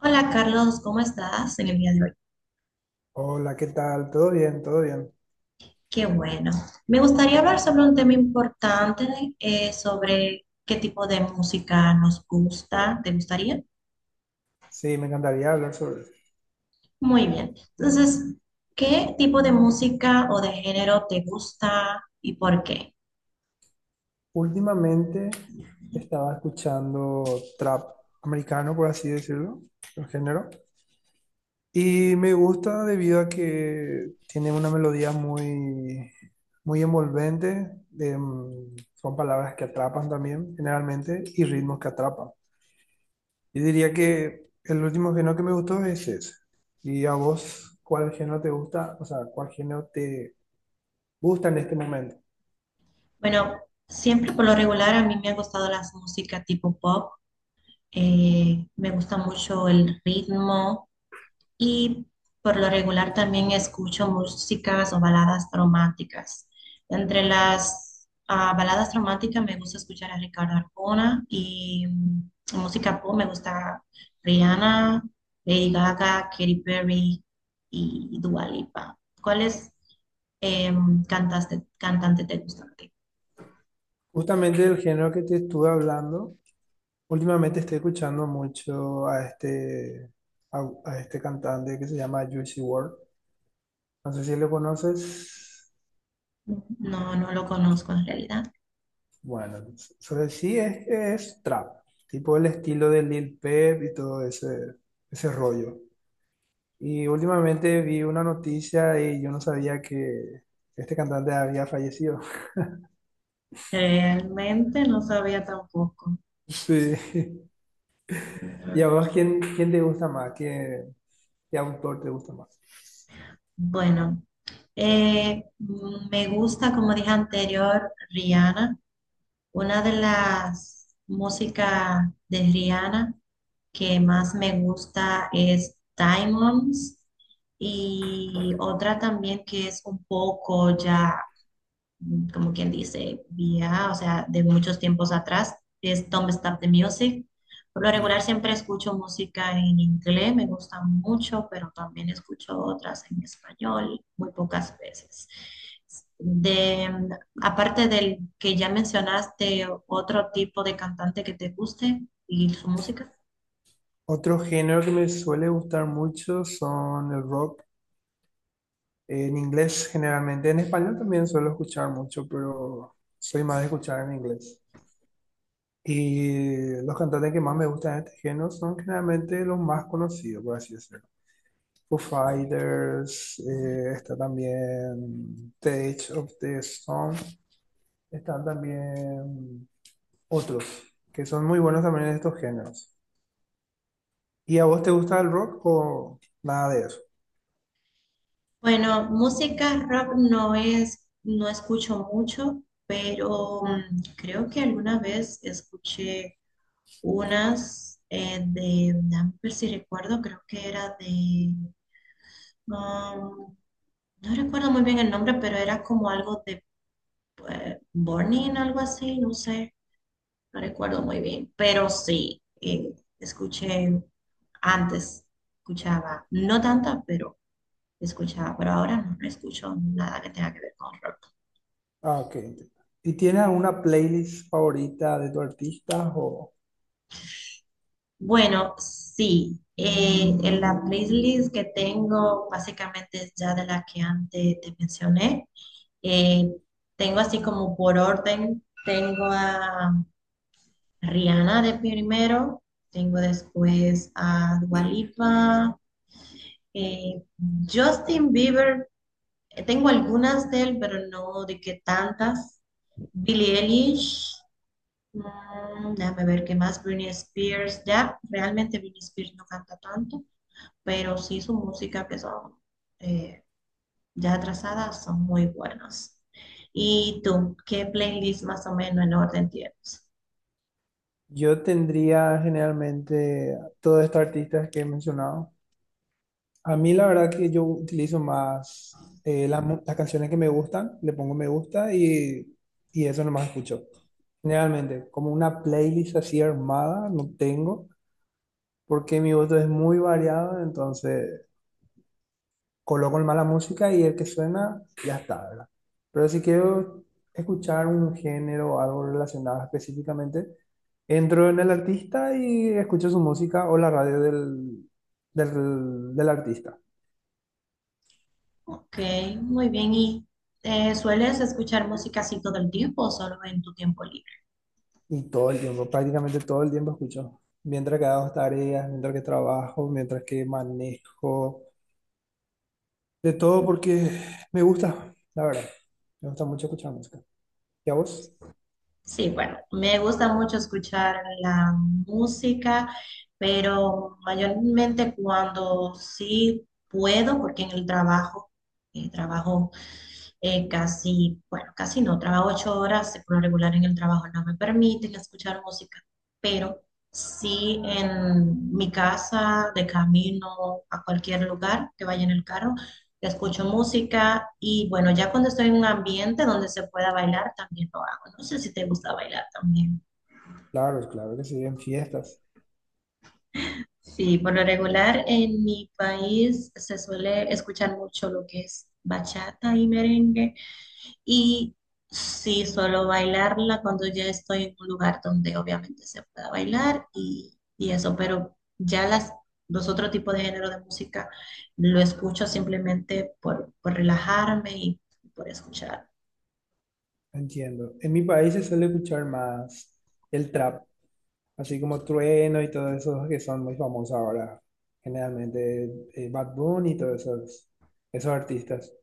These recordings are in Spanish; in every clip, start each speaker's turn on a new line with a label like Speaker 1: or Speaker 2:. Speaker 1: Hola Carlos, ¿cómo estás en el día de hoy?
Speaker 2: Hola, ¿qué tal? ¿Todo bien? ¿Todo bien?
Speaker 1: Qué bueno. Me gustaría hablar sobre un tema importante, sobre qué tipo de música nos gusta. ¿Te gustaría?
Speaker 2: Sí, me encantaría hablar sobre eso.
Speaker 1: Muy bien. Entonces, ¿qué tipo de música o de género te gusta y por qué?
Speaker 2: Últimamente estaba escuchando trap americano, por así decirlo, el género, y me gusta debido a que tiene una melodía muy, muy envolvente, son palabras que atrapan también, generalmente, y ritmos que atrapan. Y diría que el último género que me gustó es ese. ¿Y a vos cuál género te gusta? O sea, ¿cuál género te gusta en este momento?
Speaker 1: Bueno, siempre por lo regular a mí me han gustado las músicas tipo pop. Me gusta mucho el ritmo y por lo regular también escucho músicas o baladas románticas. Entre las baladas románticas me gusta escuchar a Ricardo Arjona y música pop me gusta Rihanna, Lady Gaga, Katy Perry y Dua Lipa. ¿Cuáles cantante te gusta a ti?
Speaker 2: Justamente el género que te estuve hablando, últimamente estoy escuchando mucho a este, a este cantante que se llama Juicy WRLD. No sé si lo conoces.
Speaker 1: No, no lo conozco en realidad.
Speaker 2: Bueno, sobre sí es que es trap, tipo el estilo de Lil Peep y todo ese rollo. Y últimamente vi una noticia y yo no sabía que este cantante había fallecido.
Speaker 1: Realmente no sabía tampoco.
Speaker 2: Sí. ¿Y a vos quién te gusta más? ¿Qué, qué autor te gusta más?
Speaker 1: Bueno. Me gusta, como dije anterior, Rihanna. Una de las músicas de Rihanna que más me gusta es Diamonds y otra también que es un poco ya como quien dice, vía, o sea, de muchos tiempos atrás, es Don't Stop the Music. Por lo regular
Speaker 2: Mm.
Speaker 1: siempre escucho música en inglés, me gusta mucho, pero también escucho otras en español, muy pocas veces. De, mm, Aparte del que ya mencionaste, otro tipo de cantante que te guste y su música.
Speaker 2: Otro género que me suele gustar mucho son el rock en inglés generalmente. En español también suelo escuchar mucho, pero soy más de escuchar en inglés. Y los cantantes que más me gustan de este género son generalmente los más conocidos, por así decirlo. Foo Fighters, está también The Edge of the Storm, están también otros que son muy buenos también en estos géneros. ¿Y a vos te gusta el rock o nada de eso?
Speaker 1: Bueno, música rock no es, no escucho mucho, pero creo que alguna vez escuché unas dame ver si recuerdo, creo que era de, um, no recuerdo muy bien el nombre, pero era como algo de Burning, algo así, no sé, no recuerdo muy bien. Pero sí, escuché antes, escuchaba, no tanta, pero escuchaba, pero ahora no, no escucho nada que tenga que ver con rock.
Speaker 2: Ah, ok. ¿Y tienes alguna playlist favorita de tu artista? O
Speaker 1: Bueno, sí, en la playlist que tengo básicamente es ya de la que antes te mencioné. Eh, Tengo así como por orden, tengo a Rihanna de primero, tengo después a Dua Lipa, eh, Justin Bieber, tengo algunas de él, pero no de que tantas. Billie Eilish, déjame ver qué más, Britney Spears, ya, realmente Britney Spears no canta tanto, pero sí su música que son... ya trazadas son muy buenos. ¿Y tú, qué playlist más o menos en orden tienes?
Speaker 2: yo tendría generalmente todos estos artistas que he mencionado. A mí la verdad que yo utilizo más las canciones que me gustan, le pongo me gusta y eso nomás escucho. Generalmente, como una playlist así armada, no tengo, porque mi voto es muy variado, entonces coloco el mala música y el que suena, ya está, ¿verdad? Pero si quiero escuchar un género o algo relacionado específicamente, entro en el artista y escucho su música o la radio del artista.
Speaker 1: Ok, muy bien. ¿Y sueles escuchar música así todo el tiempo o solo en tu tiempo libre?
Speaker 2: Y todo el tiempo, prácticamente todo el tiempo escucho. Mientras que hago tareas, mientras que trabajo, mientras que manejo, de todo porque me gusta, la verdad. Me gusta mucho escuchar música. ¿Y a vos?
Speaker 1: Sí, bueno, me gusta mucho escuchar la música, pero mayormente cuando sí puedo, porque en el trabajo, eh, trabajo casi, bueno, casi no, trabajo 8 horas, por lo regular en el trabajo no me permiten escuchar música, pero sí en mi casa, de camino a cualquier lugar que vaya en el carro, escucho música y bueno, ya cuando estoy en un ambiente donde se pueda bailar, también lo hago. No sé si te gusta bailar también.
Speaker 2: Claro, claro que sí, en fiestas.
Speaker 1: Sí, por lo regular en mi país se suele escuchar mucho lo que es bachata y merengue y sí, solo bailarla cuando ya estoy en un lugar donde obviamente se pueda bailar y eso, pero ya los otros tipos de género de música lo escucho simplemente por relajarme y por escuchar.
Speaker 2: Entiendo. En mi país se suele escuchar más el trap, así como Trueno y todos esos que son muy famosos ahora, generalmente Bad Bunny y todos esos, esos artistas.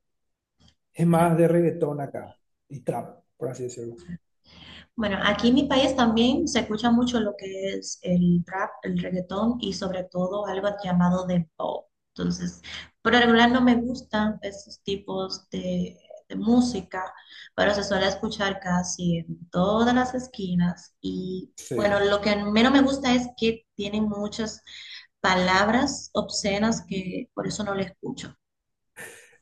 Speaker 2: Es
Speaker 1: Bueno,
Speaker 2: más de reggaetón acá y trap, por así decirlo.
Speaker 1: Bueno, aquí en mi país también se escucha mucho lo que es el rap, el reggaetón y sobre todo algo llamado de pop. Entonces, por lo regular no me gustan esos tipos de música, pero se suele escuchar casi en todas las esquinas. Y bueno,
Speaker 2: Sí,
Speaker 1: lo que menos me gusta es que tienen muchas palabras obscenas que por eso no le escucho.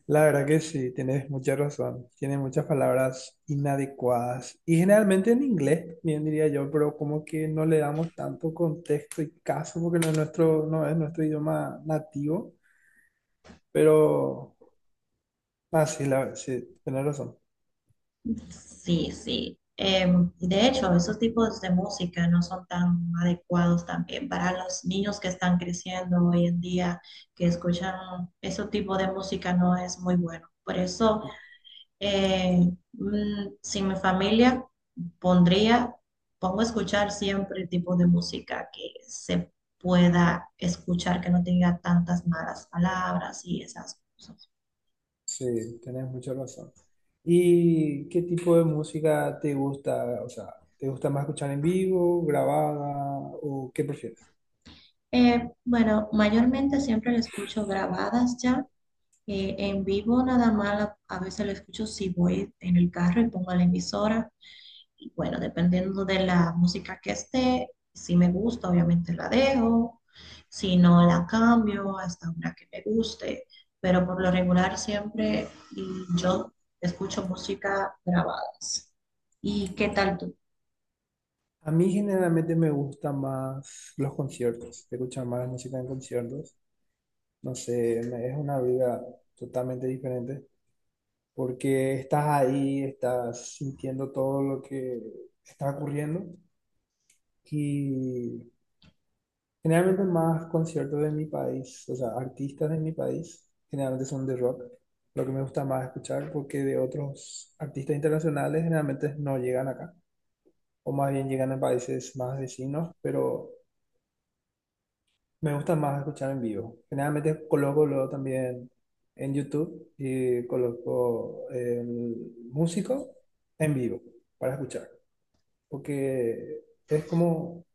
Speaker 2: la verdad que sí, tienes mucha razón. Tiene muchas palabras inadecuadas y generalmente en inglés, bien diría yo, pero como que no le damos tanto contexto y caso porque no es no es nuestro idioma nativo, pero... Ah, sí, tenés razón.
Speaker 1: Sí, sí. Y de hecho, esos tipos de música no son tan adecuados también para los niños que están creciendo hoy en día, que escuchan ese tipo de música no es muy bueno. Por eso, sin mi familia, pondría, pongo a escuchar siempre tipo de música que se pueda escuchar, que no tenga tantas malas palabras y esas cosas.
Speaker 2: Sí, tenés mucha razón. ¿Y qué tipo de música te gusta? O sea, ¿te gusta más escuchar en vivo, grabada o qué prefieres?
Speaker 1: Bueno, mayormente siempre la escucho grabadas ya. En vivo nada más, a veces lo escucho si voy en el carro y pongo la emisora. Y bueno, dependiendo de la música que esté, si me gusta, obviamente la dejo. Si no, la cambio hasta una que me guste. Pero por lo regular siempre yo escucho música grabadas. ¿Y qué tal tú?
Speaker 2: A mí generalmente me gustan más los conciertos, escuchar más música en conciertos. No sé, es una vida totalmente diferente porque estás ahí, estás sintiendo todo lo que está ocurriendo y generalmente más conciertos de mi país, o sea, artistas de mi país, generalmente son de rock, lo que me gusta más escuchar porque de otros artistas internacionales generalmente no llegan acá, o más bien llegan a países más vecinos, pero me gusta más escuchar en vivo. Generalmente coloco luego también en YouTube y coloco el músico en vivo para escuchar, porque es como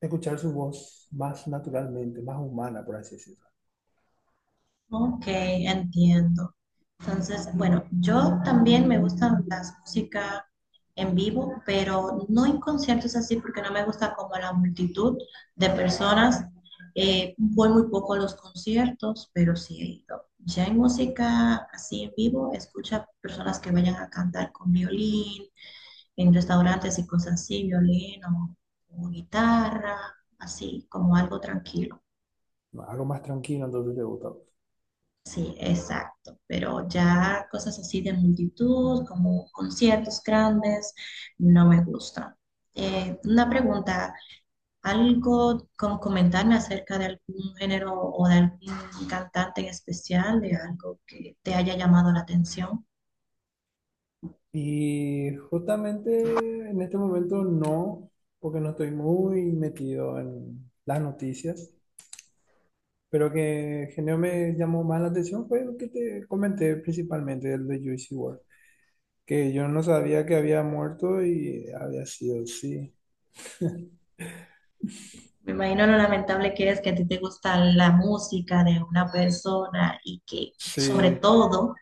Speaker 2: escuchar su voz más naturalmente, más humana, por así decirlo.
Speaker 1: Ok, entiendo. Entonces, bueno, yo también me gustan las músicas en vivo, pero no en conciertos así porque no me gusta como la multitud de personas. Voy muy poco a los conciertos, pero sí he ido. Ya en música así en vivo, escucho a personas que vayan a cantar con violín, en restaurantes y cosas así, violín o guitarra, así como algo tranquilo.
Speaker 2: No, algo más tranquilo, entonces te gusta.
Speaker 1: Sí, exacto, pero ya cosas así de multitud, como conciertos grandes, no me gustan. Una pregunta, ¿algo como comentarme acerca de algún género o de algún cantante en especial, de algo que te haya llamado la atención?
Speaker 2: Y justamente en este momento no, porque no estoy muy metido en las noticias, pero que genio me llamó más la atención fue lo que te comenté principalmente, el de Juicy WRLD, que yo no sabía que había muerto y había sido, sí,
Speaker 1: Me imagino lo lamentable que es que a ti te gusta la música de una persona y que, sobre
Speaker 2: sí,
Speaker 1: todo,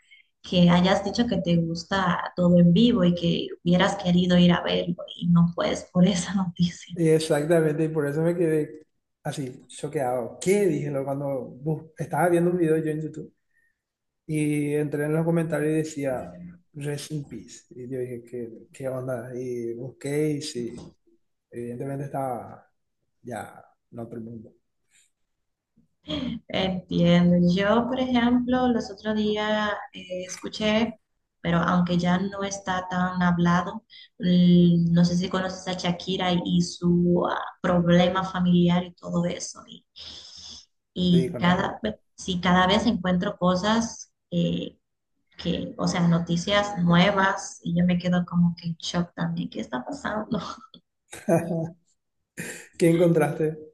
Speaker 1: que hayas dicho que te gusta todo en vivo y que hubieras querido ir a verlo y no puedes por esa noticia.
Speaker 2: y exactamente, y por eso me quedé así, choqueado. ¿Qué? Dije lo cuando estaba viendo un video yo en YouTube y entré en los comentarios y decía, "Rest in Peace". Y yo dije, ¿qué, qué onda? Y busqué y sí, evidentemente estaba ya en otro mundo.
Speaker 1: Entiendo. Yo, por ejemplo, los otros días escuché, pero aunque ya no está tan hablado, no sé si conoces a Shakira y su problema familiar y todo eso. Y,
Speaker 2: Sí,
Speaker 1: y
Speaker 2: conozco.
Speaker 1: cada, ve- sí, cada vez encuentro cosas que, o sea, noticias nuevas y yo me quedo como que en shock también. ¿Qué está pasando?
Speaker 2: ¿Qué encontraste?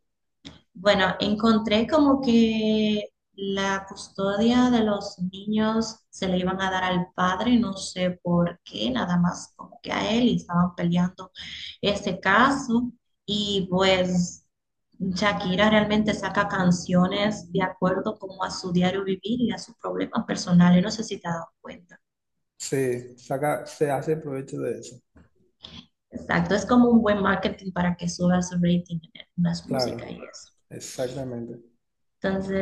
Speaker 1: Bueno, encontré como que la custodia de los niños se le iban a dar al padre, no sé por qué, nada más como que a él y estaban peleando ese caso. Y pues Shakira realmente saca canciones de acuerdo como a su diario vivir y a sus problemas personales, no sé si te has dado cuenta.
Speaker 2: Sí, saca, se hace provecho de eso.
Speaker 1: Exacto, es como un buen marketing para que suba su rating en las músicas y
Speaker 2: Claro,
Speaker 1: eso.
Speaker 2: exactamente.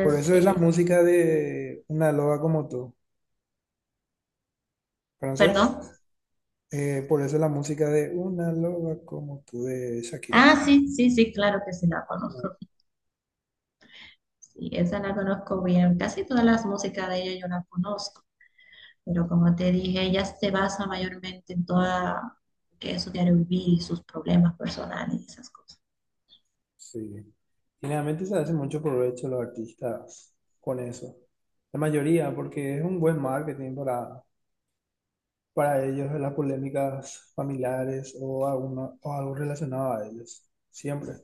Speaker 2: Por eso es la música de una loba como tú, ¿conoces?
Speaker 1: perdón.
Speaker 2: Por eso la música de una loba como tú de Shakira.
Speaker 1: Ah, sí, sí, sí, claro que sí la conozco. Sí, esa la conozco bien. Casi todas las músicas de ella yo la conozco, pero como te dije, ella se basa mayormente en toda que es su diario vivir y sus problemas personales y esas cosas.
Speaker 2: Sí. Generalmente se hace mucho provecho los artistas con eso. La mayoría, porque es un buen marketing para ellos, las polémicas familiares o, alguna, o algo relacionado a ellos. Siempre.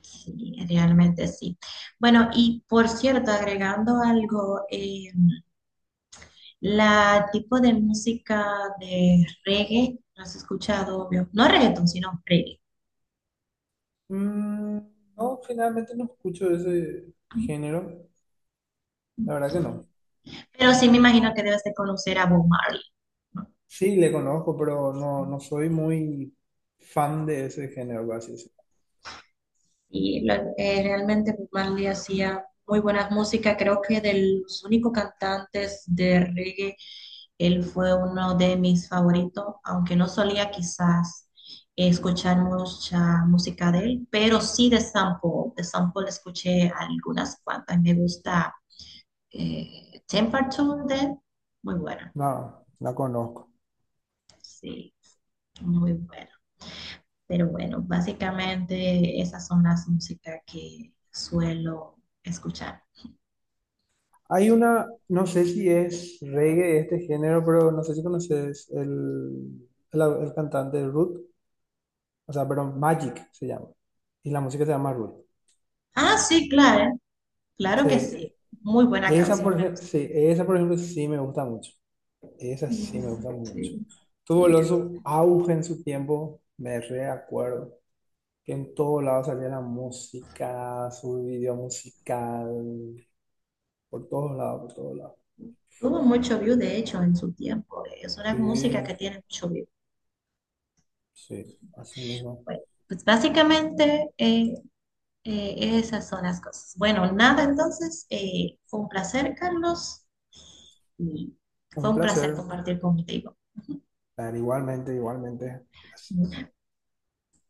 Speaker 1: Sí, realmente sí. Bueno, y por cierto, agregando algo, la tipo de música de reggae, no has escuchado, obvio, no reggaeton, sino reggae.
Speaker 2: Mm, no, generalmente no escucho ese género. La verdad que no.
Speaker 1: Pero sí me imagino que debes de conocer a Bob Marley.
Speaker 2: Sí, le conozco, pero no, no soy muy fan de ese género, por así decirlo.
Speaker 1: Y realmente Bob Marley hacía muy buenas músicas. Creo que de los únicos cantantes de reggae, él fue uno de mis favoritos, aunque no solía quizás escuchar mucha música de él, pero sí de Sample. De Sample escuché algunas cuantas. Me gusta Temperature de él, muy buena.
Speaker 2: No, la conozco.
Speaker 1: Sí, muy buena. Pero bueno, básicamente esas son las músicas que suelo escuchar.
Speaker 2: Hay una, no sé si es reggae este género, pero no sé si conoces el cantante Ruth, o sea, perdón, Magic se llama, y la música se llama Ruth.
Speaker 1: Ah, sí, claro, claro que
Speaker 2: Sí,
Speaker 1: sí. Muy buena
Speaker 2: esa
Speaker 1: canción,
Speaker 2: por
Speaker 1: me
Speaker 2: ejemplo,
Speaker 1: gusta.
Speaker 2: sí, esa por ejemplo sí me gusta mucho, esa sí me gusta mucho.
Speaker 1: Sí,
Speaker 2: Tuvo el
Speaker 1: excelente.
Speaker 2: su auge en su tiempo, me reacuerdo, que en todos lados salía la música, su video musical, por todos lados, por todos lados.
Speaker 1: Tuvo mucho view, de hecho, en su tiempo. Es una música
Speaker 2: Sí,
Speaker 1: que tiene mucho view.
Speaker 2: sí, así mismo.
Speaker 1: Bueno, pues básicamente esas son las cosas. Bueno, nada, entonces, fue un placer, Carlos, y fue
Speaker 2: Un
Speaker 1: un placer
Speaker 2: placer.
Speaker 1: compartir contigo.
Speaker 2: Dale, igualmente, igualmente. Gracias.